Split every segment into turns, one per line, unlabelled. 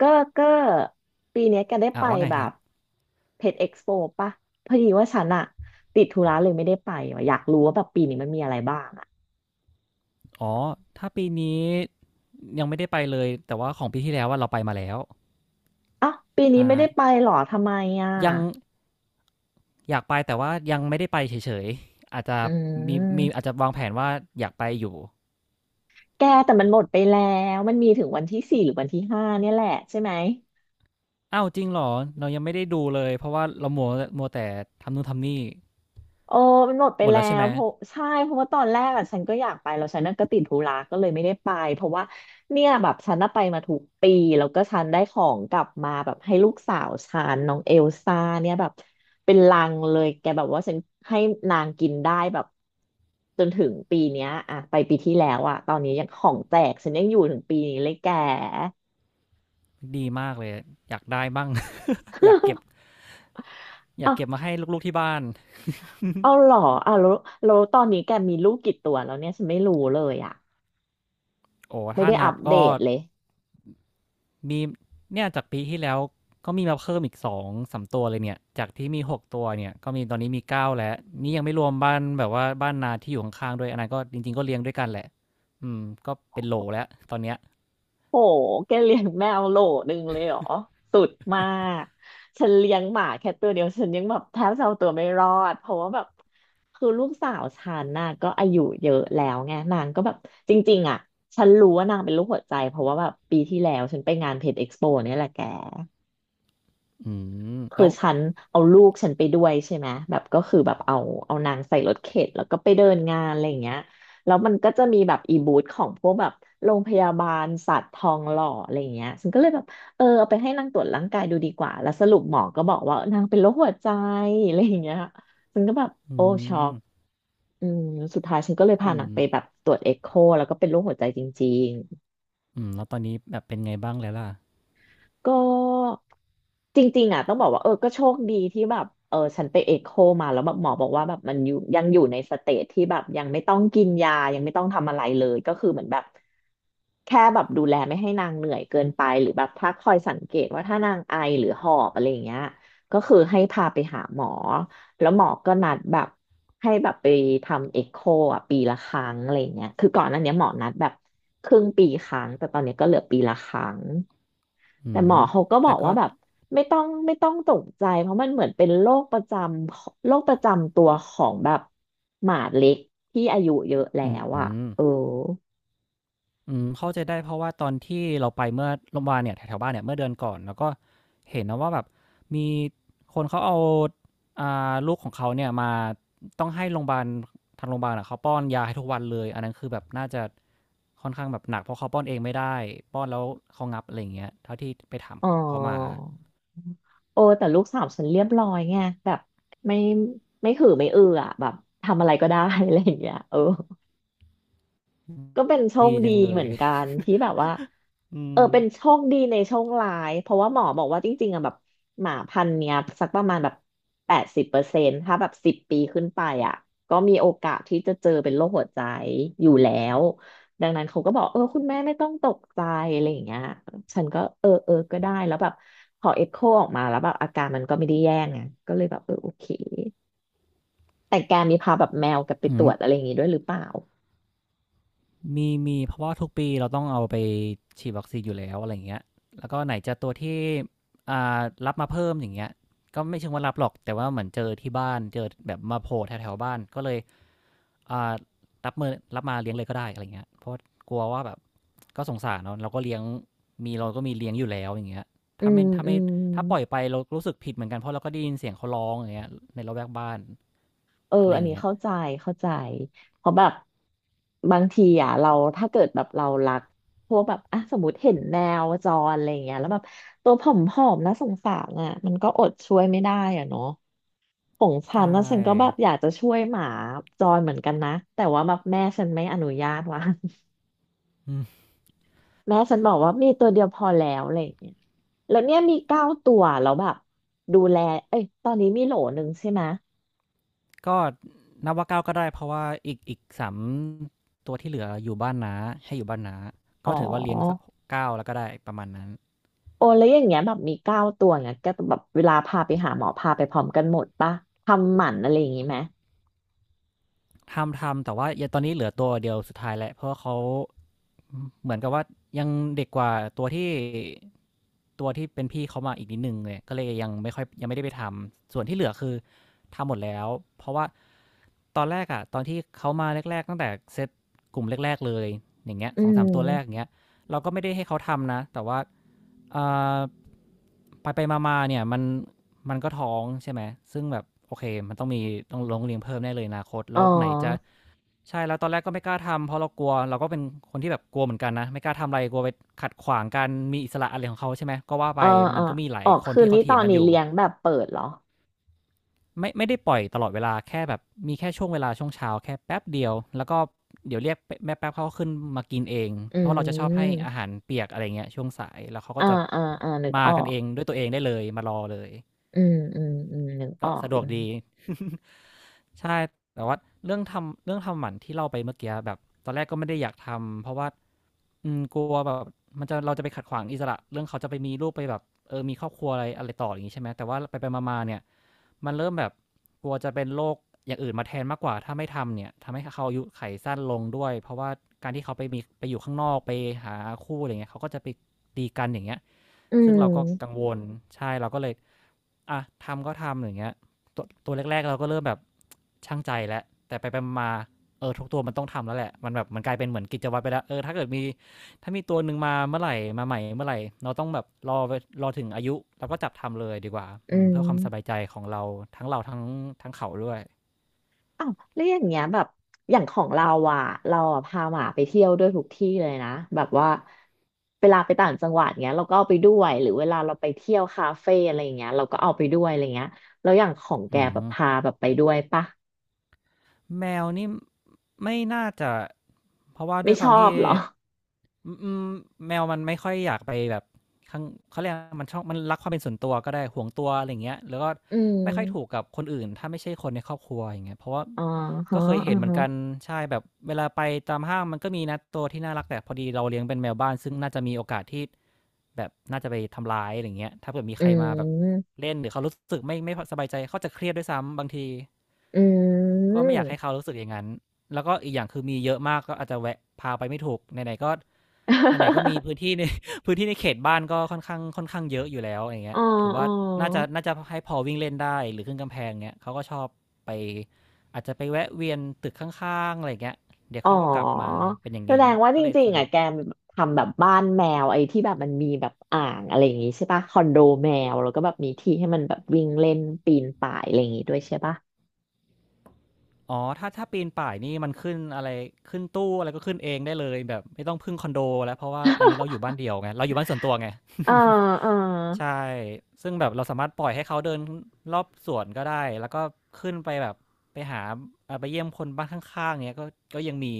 ก็ก็ปีเนี้ยแกได้
อ่ะ
ไป
ว่าไง
แบ
ครั
บ
บ
เพจเอ็กซ์โปปะพอดีว่าฉันอะติดธุระเลยไม่ได้ไปว่ะอยากรู้ว่าแบบปีนี้มันมีอะไรบ้างอะ
อ๋อถ้าปีนี้ยังไม่ได้ไปเลยแต่ว่าของปีที่แล้วว่าเราไปมาแล้ว
เอ้าปีนี้
ใช่
ไม่ได้ไปหรอทำไมอะ
ยังอยากไปแต่ว่ายังไม่ได้ไปเฉยๆอาจจะ
อื
มีอาจ
ม
จะวางแผนว่าอยากไปอยู่
แกแต่มันหมดไปแล้วมันมีถึงวันที่สี่หรือวันที่ห้าเนี่ยแหละใช่ไหม
อ้าวจริงเหรอเรายังไม่ได้ดูเลยเพราะว่าเรามัวแต่ทำนู่นทำนี่
เออมันหมดไป
หมด
แล้
แล้วใช่
ว
ไหม
เพราะใช่เพราะว่าตอนแรกอ่ะฉันก็อยากไปแล้วฉันน่ะก็ติดธุระก็เลยไม่ได้ไปเพราะว่าเนี่ยแบบฉันน่ะไปมาถูกปีแล้วก็ฉันได้ของกลับมาแบบให้ลูกสาวฉันน้องเอลซ่าเนี่ยแบบเป็นลังเลยแกแบบว่าฉันให้นางกินได้แบบจนถึงปีเนี้ยอ่ะไปปีที่แล้วอ่ะตอนนี้ยังของแจกฉันยังอยู่ถึงปีนี้เลยแก
ดีมากเลยอยากได้บ้าง อยากเก็บ อยาก
เอะ
เก็บมาให้ลูกๆที่บ้าน
เอาเหรออ่ะแล้วตอนนี้แกมีลูกกี่ตัวแล้วเนี่ยฉันไม่รู้เลยอ่ะ
โอ้
ไม่
ถ้า
ได้
นั
อั
บ
ปเด
ก็
ตเลย
มีเนี่ยจากปีที่แล้วก็มีมาเพิ่มอีกสองสามตัวเลยเนี่ยจากที่มีหกตัวเนี่ยก็มีตอนนี้มีเก้าแล้วนี่ยังไม่รวมบ้านแบบว่าบ้านนาที่อยู่ข้างๆด้วยอันนั้นก็จริงๆก็เลี้ยงด้วยกันแหละอืมก็เป็นโหลแล้วตอนเนี้ย
โหแกเลี้ยงแมวโหลนึงเลยเหรอสุดมาก ฉันเลี้ยงหมาแค่ตัวเดียว ฉันยังแบบแทบจะเอาตัวไม่รอด เพราะว่าแบบคือลูกสาวฉันน่ะก็อายุเยอะแล้วไงนางก็แบบจริงๆอ่ะฉันรู้ว่านางเป็นโรคหัวใจเพราะว่าแบบปีที่แล้วฉันไปงานเพจเอ็กซ์โปเนี่ยแหละแก
อืม
คื
แล้
อ
ว
ฉันเอาลูกฉันไปด้วยใช่ไหมแบบก็คือแบบเอานางใส่รถเข็นแล้วก็ไปเดินงานอะไรอย่างเงี้ยแล้วมันก็จะมีแบบอีบูธของพวกแบบโรงพยาบาลสัตว์ทองหล่ออะไรอย่างเงี้ยฉันก็เลยแบบเออเอาไปให้นางตรวจร่างกายดูดีกว่าแล้วสรุปหมอก็บอกว่านางเป็นโรคหัวใจอะไรอย่างเงี้ยฉันก็แบบ
อื
โอ้ช็อก
ม
อืมสุดท้ายฉันก็เลยพา
อื
นางไปแบ
ม
บตรวจเอ็กโคแล้วก็เป็นโรคหัวใจจริง
อืมแล้วตอนนี้แบบเป็นไงบ้างแล้วล่ะ
ก็จริงๆอ่ะต้องบอกว่าเออก็โชคดีที่แบบเออฉันไปเอ็กโคมาแล้วแบบหมอบอกว่าแบบมันยังอยู่ในสเตจที่แบบยังไม่ต้องกินยายังไม่ต้องทำอะไรเลยก็คือเหมือนแบบแค่แบบดูแลไม่ให้นางเหนื่อยเกินไปหรือแบบถ้าคอยสังเกตว่าถ้านางไอหรือหอบอะไรอย่างเงี้ยก็คือให้พาไปหาหมอแล้วหมอก็นัดแบบให้แบบไปทำเอ็กโคอ่ะปีละครั้งอะไรอย่างเงี้ยคือก่อนหน้านี้หมอนัดแบบ ครึ่งปีครั้งแต่ตอนนี้ก็เหลือปีละครั้ง
อื
แต่หมอ
ม
เขาก็บอ
แต่
ก
ก็
ว่าแบบไม่ต้องตกใจเพราะมันเหมือนเป็นโรคประจำตัวของแบบหมาเล็กที่อายุเยอะแล้
อื
วอ่ะ
ม
เออ
อืมเข้าใจได้เพราะว่าตอนที่เราไปเมื่อโรงบาลเนี่ยแถวๆบ้านเนี่ยเมื่อเดือนก่อนแล้วก็เห็นนะว่าแบบมีคนเขาเอาอ่าลูกของเขาเนี่ยมาต้องให้โรงบาลทางโรงบาลอะเขาป้อนยาให้ทุกวันเลยอันนั้นคือแบบน่าจะค่อนข้างแบบหนักเพราะเขาป้อนเองไม่ได้ป้อนแล้วเขางับอะไรอย่างเงี้ยเท่าที่ไปถาม
อ๋อ
เขามา
โอ้แต่ลูกสาวฉันเรียบร้อยไงแบบไม่ไม่หือไม่อืออ่ะแบบทำอะไรก็ได้ อะไรอย่างเงี้ยเออ
อืม
ก็เป็นโชค
ดี
ดี
จังเล
เห
ย
มือนกันที่แบบว่า
อื
เออ
ม
เป็นโชคดีในโชคร้ายเพราะว่าหมอบอกว่าจริงๆอะแบบหมาพันธุ์เนี้ยสักประมาณแบบ80%ถ้าแบบ10 ปีขึ้นไปอ่ะก็มีโอกาสที่จะเจอเป็นโรคหัวใจอยู่แล้วดังนั้นเขาก็บอกเออคุณแม่ไม่ต้องตกใจอะไรอย่างเงี้ยฉันก็เออก็ได้แล้วแบบพอเอ็กโคออกมาแล้วแบบอาการมันก็ไม่ได้แย่ไงก็เลยแบบเออโอเคแต่แกมีพาแบบแมวกลับไป
อื
ตรว
ม
จอะไรอย่างงี้ด้วยหรือเปล่า
มีเพราะว่าทุกปีเราต้องเอาไปฉีดวัคซีนอยู่แล้วอะไรอย่างเงี้ยแล้วก็ไหนจะตัวที่อ่ารับมาเพิ่มอย่างเงี้ยก็ไม่เชิงว่ารับหรอกแต่ว่าเหมือนเจอที่บ้านเจอแบบมาโผล่แถวๆบ้านก็เลยอ่ารับมาเลี้ยงเลยก็ได้อะไรเงี้ยเพราะกลัวว่าแบบก็สงสารเนาะเราก็เลี้ยงมีเราก็มีเลี้ยงอยู่แล้วอย่างเงี้ย
อื
ถ้า
ม
ไม่ถ้า
อื
ไม่
ม
ถ้าปล่อยไปเรารู้สึกผิดเหมือนกันเพราะเราก็ได้ยินเสียงเขาร้องอย่างเงี้ยในระแวกบ้าน
เออ
อะไรอ
อัน
ย่าง
นี้
เงี้ย
เข้าใจ เข้าใจ เพราะแบบบางทีอ่ะเราถ้าเกิดแบบเรารักพวกแบบอ่ะสมมติเห็นแมวจรอะไรอย่างเงี้ยแล้วแบบตัวผอมๆนะสงสารอ่ะมันก็อดช่วยไม่ได้อ่ะเนาะของ
ใช
ฉันนะฉันก็แบบ
่
อยากจะช่วยหมาจรเหมือนกันนะแต่ว่าแบบแม่ฉันไม่อนุญาตว่ะ
อื
แม่ฉันบอกว่ามีตัวเดียวพอแล้วอะไรอย่างเงี้ยแล้วเนี่ยมีเก้าตัวแล้วแบบดูแลเอ้ยตอนนี้มีโหลหนึ่งใช่ไหม
ก็นับว่าเก้าก็ได้เพราะว่าอีกสามตัวที่เหลืออยู่บ้านน้าให้อยู่บ้านน้า
ยอ๋
ก็ถือว่าเลี้ยงสัก
อ
เก้าแล้วก็ได้ประมาณนั้น
โอ้แล้วอย่างเงี้ยแบบมีเก้าตัวเงี้ยก็แบบเวลาพาไปหาหมอพาไปพร้อมกันหมดปะทำหมันอะไรอย่างงี้ไหม
ทำแต่ว่ายังตอนนี้เหลือตัวเดียวสุดท้ายแหละเพราะว่าเขาเหมือนกับว่ายังเด็กกว่าตัวที่ตัวที่เป็นพี่เขามาอีกนิดนึงเลยก็เลยยังไม่ได้ไปทำส่วนที่เหลือคือ ทำหมดแล้วเพราะว่าตอนแรกอะตอนที่เขามาแรกๆตั้งแต่เซตกลุ่มแรกๆเลยอย่างเงี้ย
อื
สองถึงสามตัวแรกอย่าง
ม
เงี้ยเราก็ไม่ได้ให้เขาทำนะแต่ว่าไปไปมาๆเนี่ยมันก็ท้องใช่ไหมซึ่งแบบโอเคมันต้องมีต้องลงเรียนเพิ่มแน่เลยอนาคต
อ๋อ
แล้วไหนจะใช่แล้วตอนแรกก็ไม่กล้าทำเพราะเรากลัวเราก็เป็นคนที่แบบกลัวเหมือนกันนะไม่กล้าทำอะไรกลัวไปขัดขวางการมีอิสระอะไรของเขาใช่ไหมก็ว่าไป
อ่า
มั
อ่า
นก็มีหลา
อ๋
ย
อ
คน
คืน
ที่เขา
นี้ต
เถี
อ
ยง
น
กัน
นี้
อยู่
เลี้ยงแบบเปิดเหรอ
ไม่ได้ปล่อยตลอดเวลาแค่แบบมีแค่ช่วงเวลาช่วงเช้าแค่แป๊บเดียวแล้วก็เดี๋ยวเรียกแม่แป๊บเขาขึ้นมากินเอง
อื
เพราะเราจะชอบให้
ม
อาหารเปียกอะไรเงี้ยช่วงสายแล้วเขาก็
อ่า
จะ
อ่าอ่านึก
มา
ออ
กัน
ก
เองด้วยตัวเองได้เลยมารอเลย
อืมอืมอืมนึกอ
ก็
อก
สะดว
อื
ก
ม
ดี ใช่แต่ว่าเรื่องทำหมันที่เล่าไปเมื่อกี้แบบตอนแรกก็ไม่ได้อยากทำเพราะว่ากลัวแบบมันจะเราจะไปขัดขวางอิสระเรื่องเขาจะไปมีลูกไปแบบเออมีครอบครัวอะไรอะไรต่ออย่างนี้ใช่ไหมแต่ว่าไปไปมาๆเนี่ย มันเริ่มแบบกลัวจะเป็นโรคอย่างอื่นมาแทนมากกว่าถ้าไม่ทำเนี่ยทำให้เขาอายุไขสั้นลงด้วยเพราะว่าการที่เขาไปมีไปอยู่ข้างนอกไปหาคู่อะไรเงี้ยเขาก็จะไปตีกันอย่างเงี้ย
อื
ซึ่งเราก็กั
ม
งวลใช่เราก็เลย อ่ะทำก็ทำอย่างเงี้ยตัวแรกๆเราก็เริ่มแบบช่างใจแล้วแต่ไปไปมาๆเออทุกตัวมันต้องทำแล้วแหละมันแบบมันกลายเป็นเหมือนกิจวัตรไปแล้วเออถ้าเกิดมีถ้ามีตัวหนึ่งมาเมื่อไหร่มาใหม่เมื่อไหร่เราต้องแบบรอถึงอายุแล้วก็จับทำเลยดีกว่า
อืม
เพื่อความสบายใจของเราทั้งเราทั้งเขาด้วย
อ้าวแล้วอย่างเงี้ยแบบอย่างของเราอ่ะเราอะพาหมาไปเที่ยวด้วยทุกที่เลยนะแบบว่าเวลาไปต่างจังหวัดเงี้ยเราก็เอาไปด้วยหรือเวลาเราไปเที่ยวคาเฟ่อะไรอย่างเงี้ยเราก็เอาไปด้วยอะไรเงี้ยแล้วอย่างของแก
อื
แบบ
ม
พาแบบไปด้วยปะ
แมวนี่ไม่น่าจะเพราะว่าด้
ไม่
วยค
ช
วาม
อบ
ที่
เหรอ
อืมอืมแมวมันไม่ค่อยอยากไปแบบข้างเขาเรียกมันชอบมันรักความเป็นส่วนตัวก็ได้ห่วงตัวอะไรอย่างเงี้ยแล้วก็
อื
ไม่ค่อยถูก
ม
กับคนอื่นถ้าไม่ใช่คนในครอบครัวอย่างเงี้ยเพราะว่า
อ๋อ
ก็
ฮะ
เคย
อ๋
เห็
อ
นเหมือน
ฮะ
กันใช่แบบเวลาไปตามห้างมันก็มีนะตัวที่น่ารักแต่พอดีเราเลี้ยงเป็นแมวบ้านซึ่งน่าจะมีโอกาสที่แบบน่าจะไปทำร้ายอะไรอย่างเงี้ยถ้าเกิดมี
อื
ใครมาแบบ
ม
เล่นหรือเขารู้สึกไม่พสบายใจเขาจะเครียดด้วยซ้ำบางที
อื
ก็ไม่อยากให้
ม
เขารู้สึกอย่างนั้น แล้วก็อีกอย่างคือมีเยอะมากก็อาจจะแวะพาไปไม่ถูกไหนๆก็ไหนๆก็มีพื้น ที่ใน พื้นที่ในเขตบ้านก็ค่อนข้างค่อนข้างเยอะอยู่แล้วอย่างเงี้
อ๋
ย
อ
ถือ
อ๋
ว่า
อ
น่าจะให้พอวิ่งเล่นได้หรือขึ้นกำแพงเงี้ยเขาก็ชอบไปอาจจะไปแวะเวียนตึกข้างๆอะไรเงี้ยเดี๋ยว
อ๋อ
เขาก็กลับมาเป็นอย่าง
แส
เงี้ย
ดงว่าจ
ก็เลย
ริง
สะ
ๆ
ด
อ่ะ
วก
แกทำแบบบ้านแมวไอ้ที่แบบมันมีแบบอ่างอะไรอย่างงี้ใช่ปะคอนโดแมวแล้วก็แบบมีที่ให้มันแบบวิ่งเล่นปีนป่ายอะไรอย่างงี้ด้วยใช่ปะ
อ๋อถ้าปีนป่ายนี่มันขึ้นอะไรขึ้นตู้อะไรก็ขึ้นเองได้เลยแบบไม่ต้องพึ่งคอนโดแล้วเพราะว่าอันนี้เราอยู่บ้านเดี่ยวไงเราอยู่บ้านส่วนตัวไง
เออเออ
ใช่ซึ่งแบบเราสามารถปล่อยให้เขาเดินรอบสวนก็ได้แล้วก็ขึ้นไปแบบไปหาไปเยี่ยมคนบ้านข้างๆเนี้ยก็ก็ยังมี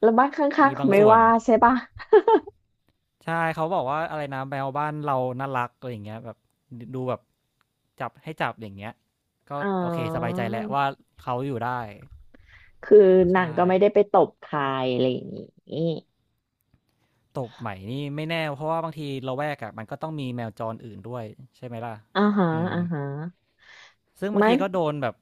แล้วบ้านข้าง
มี
ๆเขา
บาง
ไม่
ส่วน
ว่าใช่ปะ
ใช่เขาบอกว่าอะไรนะแมวบ้านเราน่ารักอะไรอย่างเงี้ยแบบดูแบบจับให้จับอย่างเงี้ยก็
อ๋อ
โอเคสบายใจแล้วว่าเขาอยู่ได้
คือนาง
ใช่
ก็ไม่ได้ไปตบใครอะไรอย่างงี้
ตบใหม่นี่ไม่แน่เพราะว่าบางทีละแวกอะมันก็ต้องมีแมวจรอื่นด้วยใช่ไหมล่ะ
อ่าฮะ
อืม
อ่าฮะ
ซึ่งบาง
ไม่
ทีก็โดนแบบ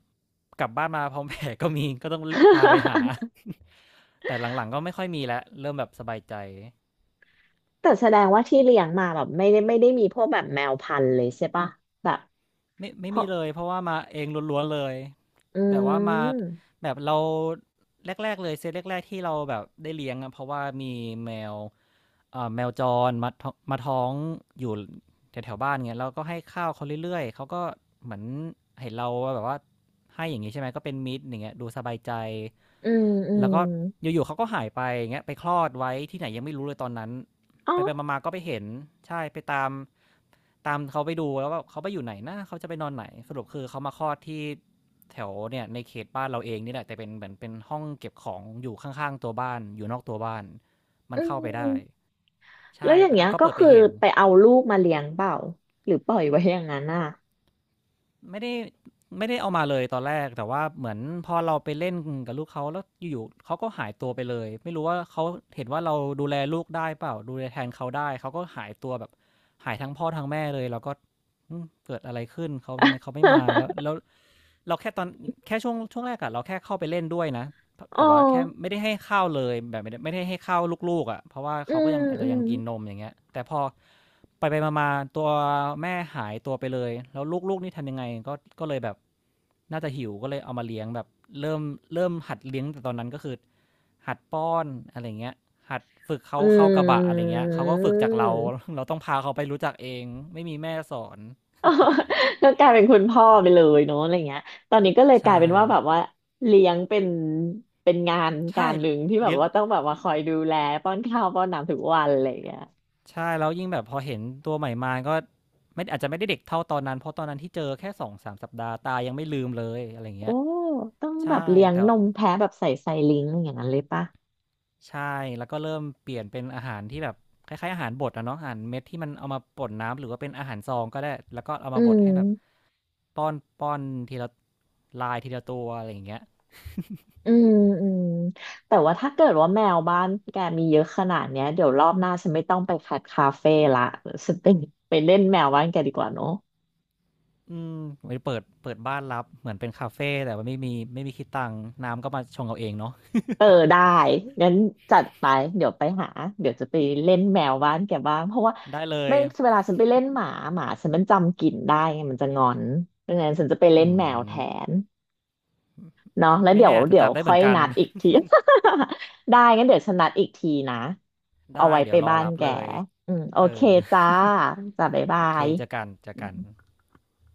กลับบ้านมาพร้อมแผลก็มีก็ต้องพาไปหา แต่หลังๆก็ไม่ค่อยมีแล้วเริ่มแบบสบายใจ
แต่แสดงว่าที่เลี้ยงมาแบบไม่ได้ไม่ได้มีพวกแบบแมวพันธุ์เลยใช่ปะแบบ
ไม่
เพ
มี
ราะ
เลยเพราะว่ามาเองล้วนๆเลย
อื
แบบว่ามา
ม
แบบเราแรกๆเลยเซตแรกๆที่เราแบบได้เลี้ยงอะเพราะว่ามีแมว แมวจรมาท้องอยู่แถวๆบ้านเงี้ยแล้วก็ให้ข้าวเขาเรื่อยๆเขาก็เหมือนเห็นเราแบบว่าให้อย่างงี้ใช่ไหมก็เป็นมิตรอย่างเงี้ยดูสบายใจ
อืมอื
แล้
ม
วก็อยู่ๆเขาก็หายไปอย่างเงี้ยไปคลอดไว้ที่ไหนยังไม่รู้เลยตอนนั้น
อ๋อ
ไปไปมาๆก็ไปเห็นใช่ไปตามเขาไปดูแล้วว่าเขาไปอยู่ไหนนะเขาจะไปนอนไหนสรุปคือเขามาคลอดที่แถวเนี่ยในเขตบ้านเราเองนี่แหละแต่เป็นเหมือนเป็นห้องเก็บของอยู่ข้างๆตัวบ้านอยู่นอกตัวบ้านมั
อื
นเข้าไปได้
มแล้
ใช่
วอย่าง
แล้
เงี้ย
วก็
ก็
เปิดไป
คือ
เห็น
ไปเอาลูกมาเลี้ยงเปล่าหรือปล่อยไว้อย่างนั้นอ่ะ
ไม่ได้ไม่ได้เอามาเลยตอนแรกแต่ว่าเหมือนพอเราไปเล่นกับลูกเขาแล้วอยู่ๆเขาก็หายตัวไปเลยไม่รู้ว่าเขาเห็นว่าเราดูแลลูกได้เปล่าดูแลแทนเขาได้เขาก็หายตัวแบบหายทั้งพ่อทั้งแม่เลยเราก็อืมเกิดอะไรขึ้นเขาทำไมเขาไม่มาแล้ว เราแค่ตอนแค่ช่วงแรกอะเราแค่เข้าไปเล่นด้วยนะ
อ๋อ
แต่ว่าแค่ไม่ได้ให้ข้าวเลยแบบไม่ได้ให้ข้าวลูกๆอ่ะเพราะว่า
อื
เขาก็
ม
ยังอาจ
อื
จะยั
ม
งกินนมอย่างเงี้ยแต่พอไปไปมาๆตัวแม่หายตัวไปเลยแล้วลูกๆนี่ทำยังไงก็ก็เลยแบบน่าจะหิวก็เลยเอามาเลี้ยงแบบเริ่มเริ่มหัดเลี้ยงแต่ตอนนั้นก็คือหัดป้อนอะไรเงี้ยหัดฝึกเขา
อื
เข้ากระบะอะไร
ม
เงี้ยเขาก็ฝึกจากเราเราต้องพาเขาไปรู้จักเองไม่มีแม่สอน
อ๋อ ก็กลายเป็นคุณพ่อไปเลยเนาะอะไรเงี้ยตอนนี้ก็เลยกลา
ใช่
ยเป็นว่าแบบว่าเลี้ยงเป็นเป็นงานกา
ใช่
รหนึ่งที่แบบ
เลี้ยง
ว่าต้องแบบว่าคอยดูแลป้อนข้าวป้อนน้ำทุกวันอะไรเงี้ย
ใช่แล้วยิ่งแบบพอเห็นตัวใหม่มาก็ไม่อาจจะไม่ได้เด็กเท่าตอนนั้นเพราะตอนนั้นที่เจอแค่2-3สามสัปดาห์ตายังไม่ลืมเลยอะไรอย่าง
โอ้
เงี้ย
ต้องแบบ
ใช่
เลี้ยง
แต่
นมแพะแบบใส่ไซลิงก์อย่างนั้นเลยปะ
ใช่แล้วก็เริ่มเปลี่ยนเป็นอาหารที่แบบคล้ายๆอาหารบดอะเนาะอาหารเม็ดที่มันเอามาป่นน้ำหรือว่าเป็นอาหารซองก็ได้แล้วก็เอา
อื
มาบดให้แบบ
ม
ป้อนป้อนทีละลายทีละตัวอะไรอย่างเงี้ย
อืมอืมแต่ว่าถ้าเกิดว่าแมวบ้านแกมีเยอะขนาดเนี้ยเดี๋ยวรอบหน้าฉันไม่ต้องไปคัดคาเฟ่ละฉันไปไปเล่นแมวบ้านแกดีกว่าเนอะ
อืมไปเปิดบ้านรับเหมือนเป็นคาเฟแต่ว่าไม่มีคิดตังค์น้ำก็มาชงเอาเองเนาะ
เออได้งั้นจัดไปเดี๋ยวไปหาเดี๋ยวจะไปเล่นแมวบ้านแกบ้างเพราะว่า
ได้เลย
ไม่เวลาฉันไปเล่นหมาหมาฉันมันจำกลิ่นได้ไงมันจะงอนดังนั้นฉันจะไปเล่น
อื
แมวแท
ม
น เนาะแล้ว
ไม่
เดี๋ยว
แน่อาจจะ
เดี๋ยว
จำได้เห
ค่อ
มือ
ย
นกัน
นัดอีกที ได้งั้นเดี๋ยวฉันนัดอีกทีนะ เอา
ได้
ไว้
เดี๋
ไป
ยวรอ
บ้าน
รับ
แก
เลย
อืมโอ
เอ
เค
อ
จ้าจ้าบ๊าย บา
โอเค
ย
เจอกันเจอกัน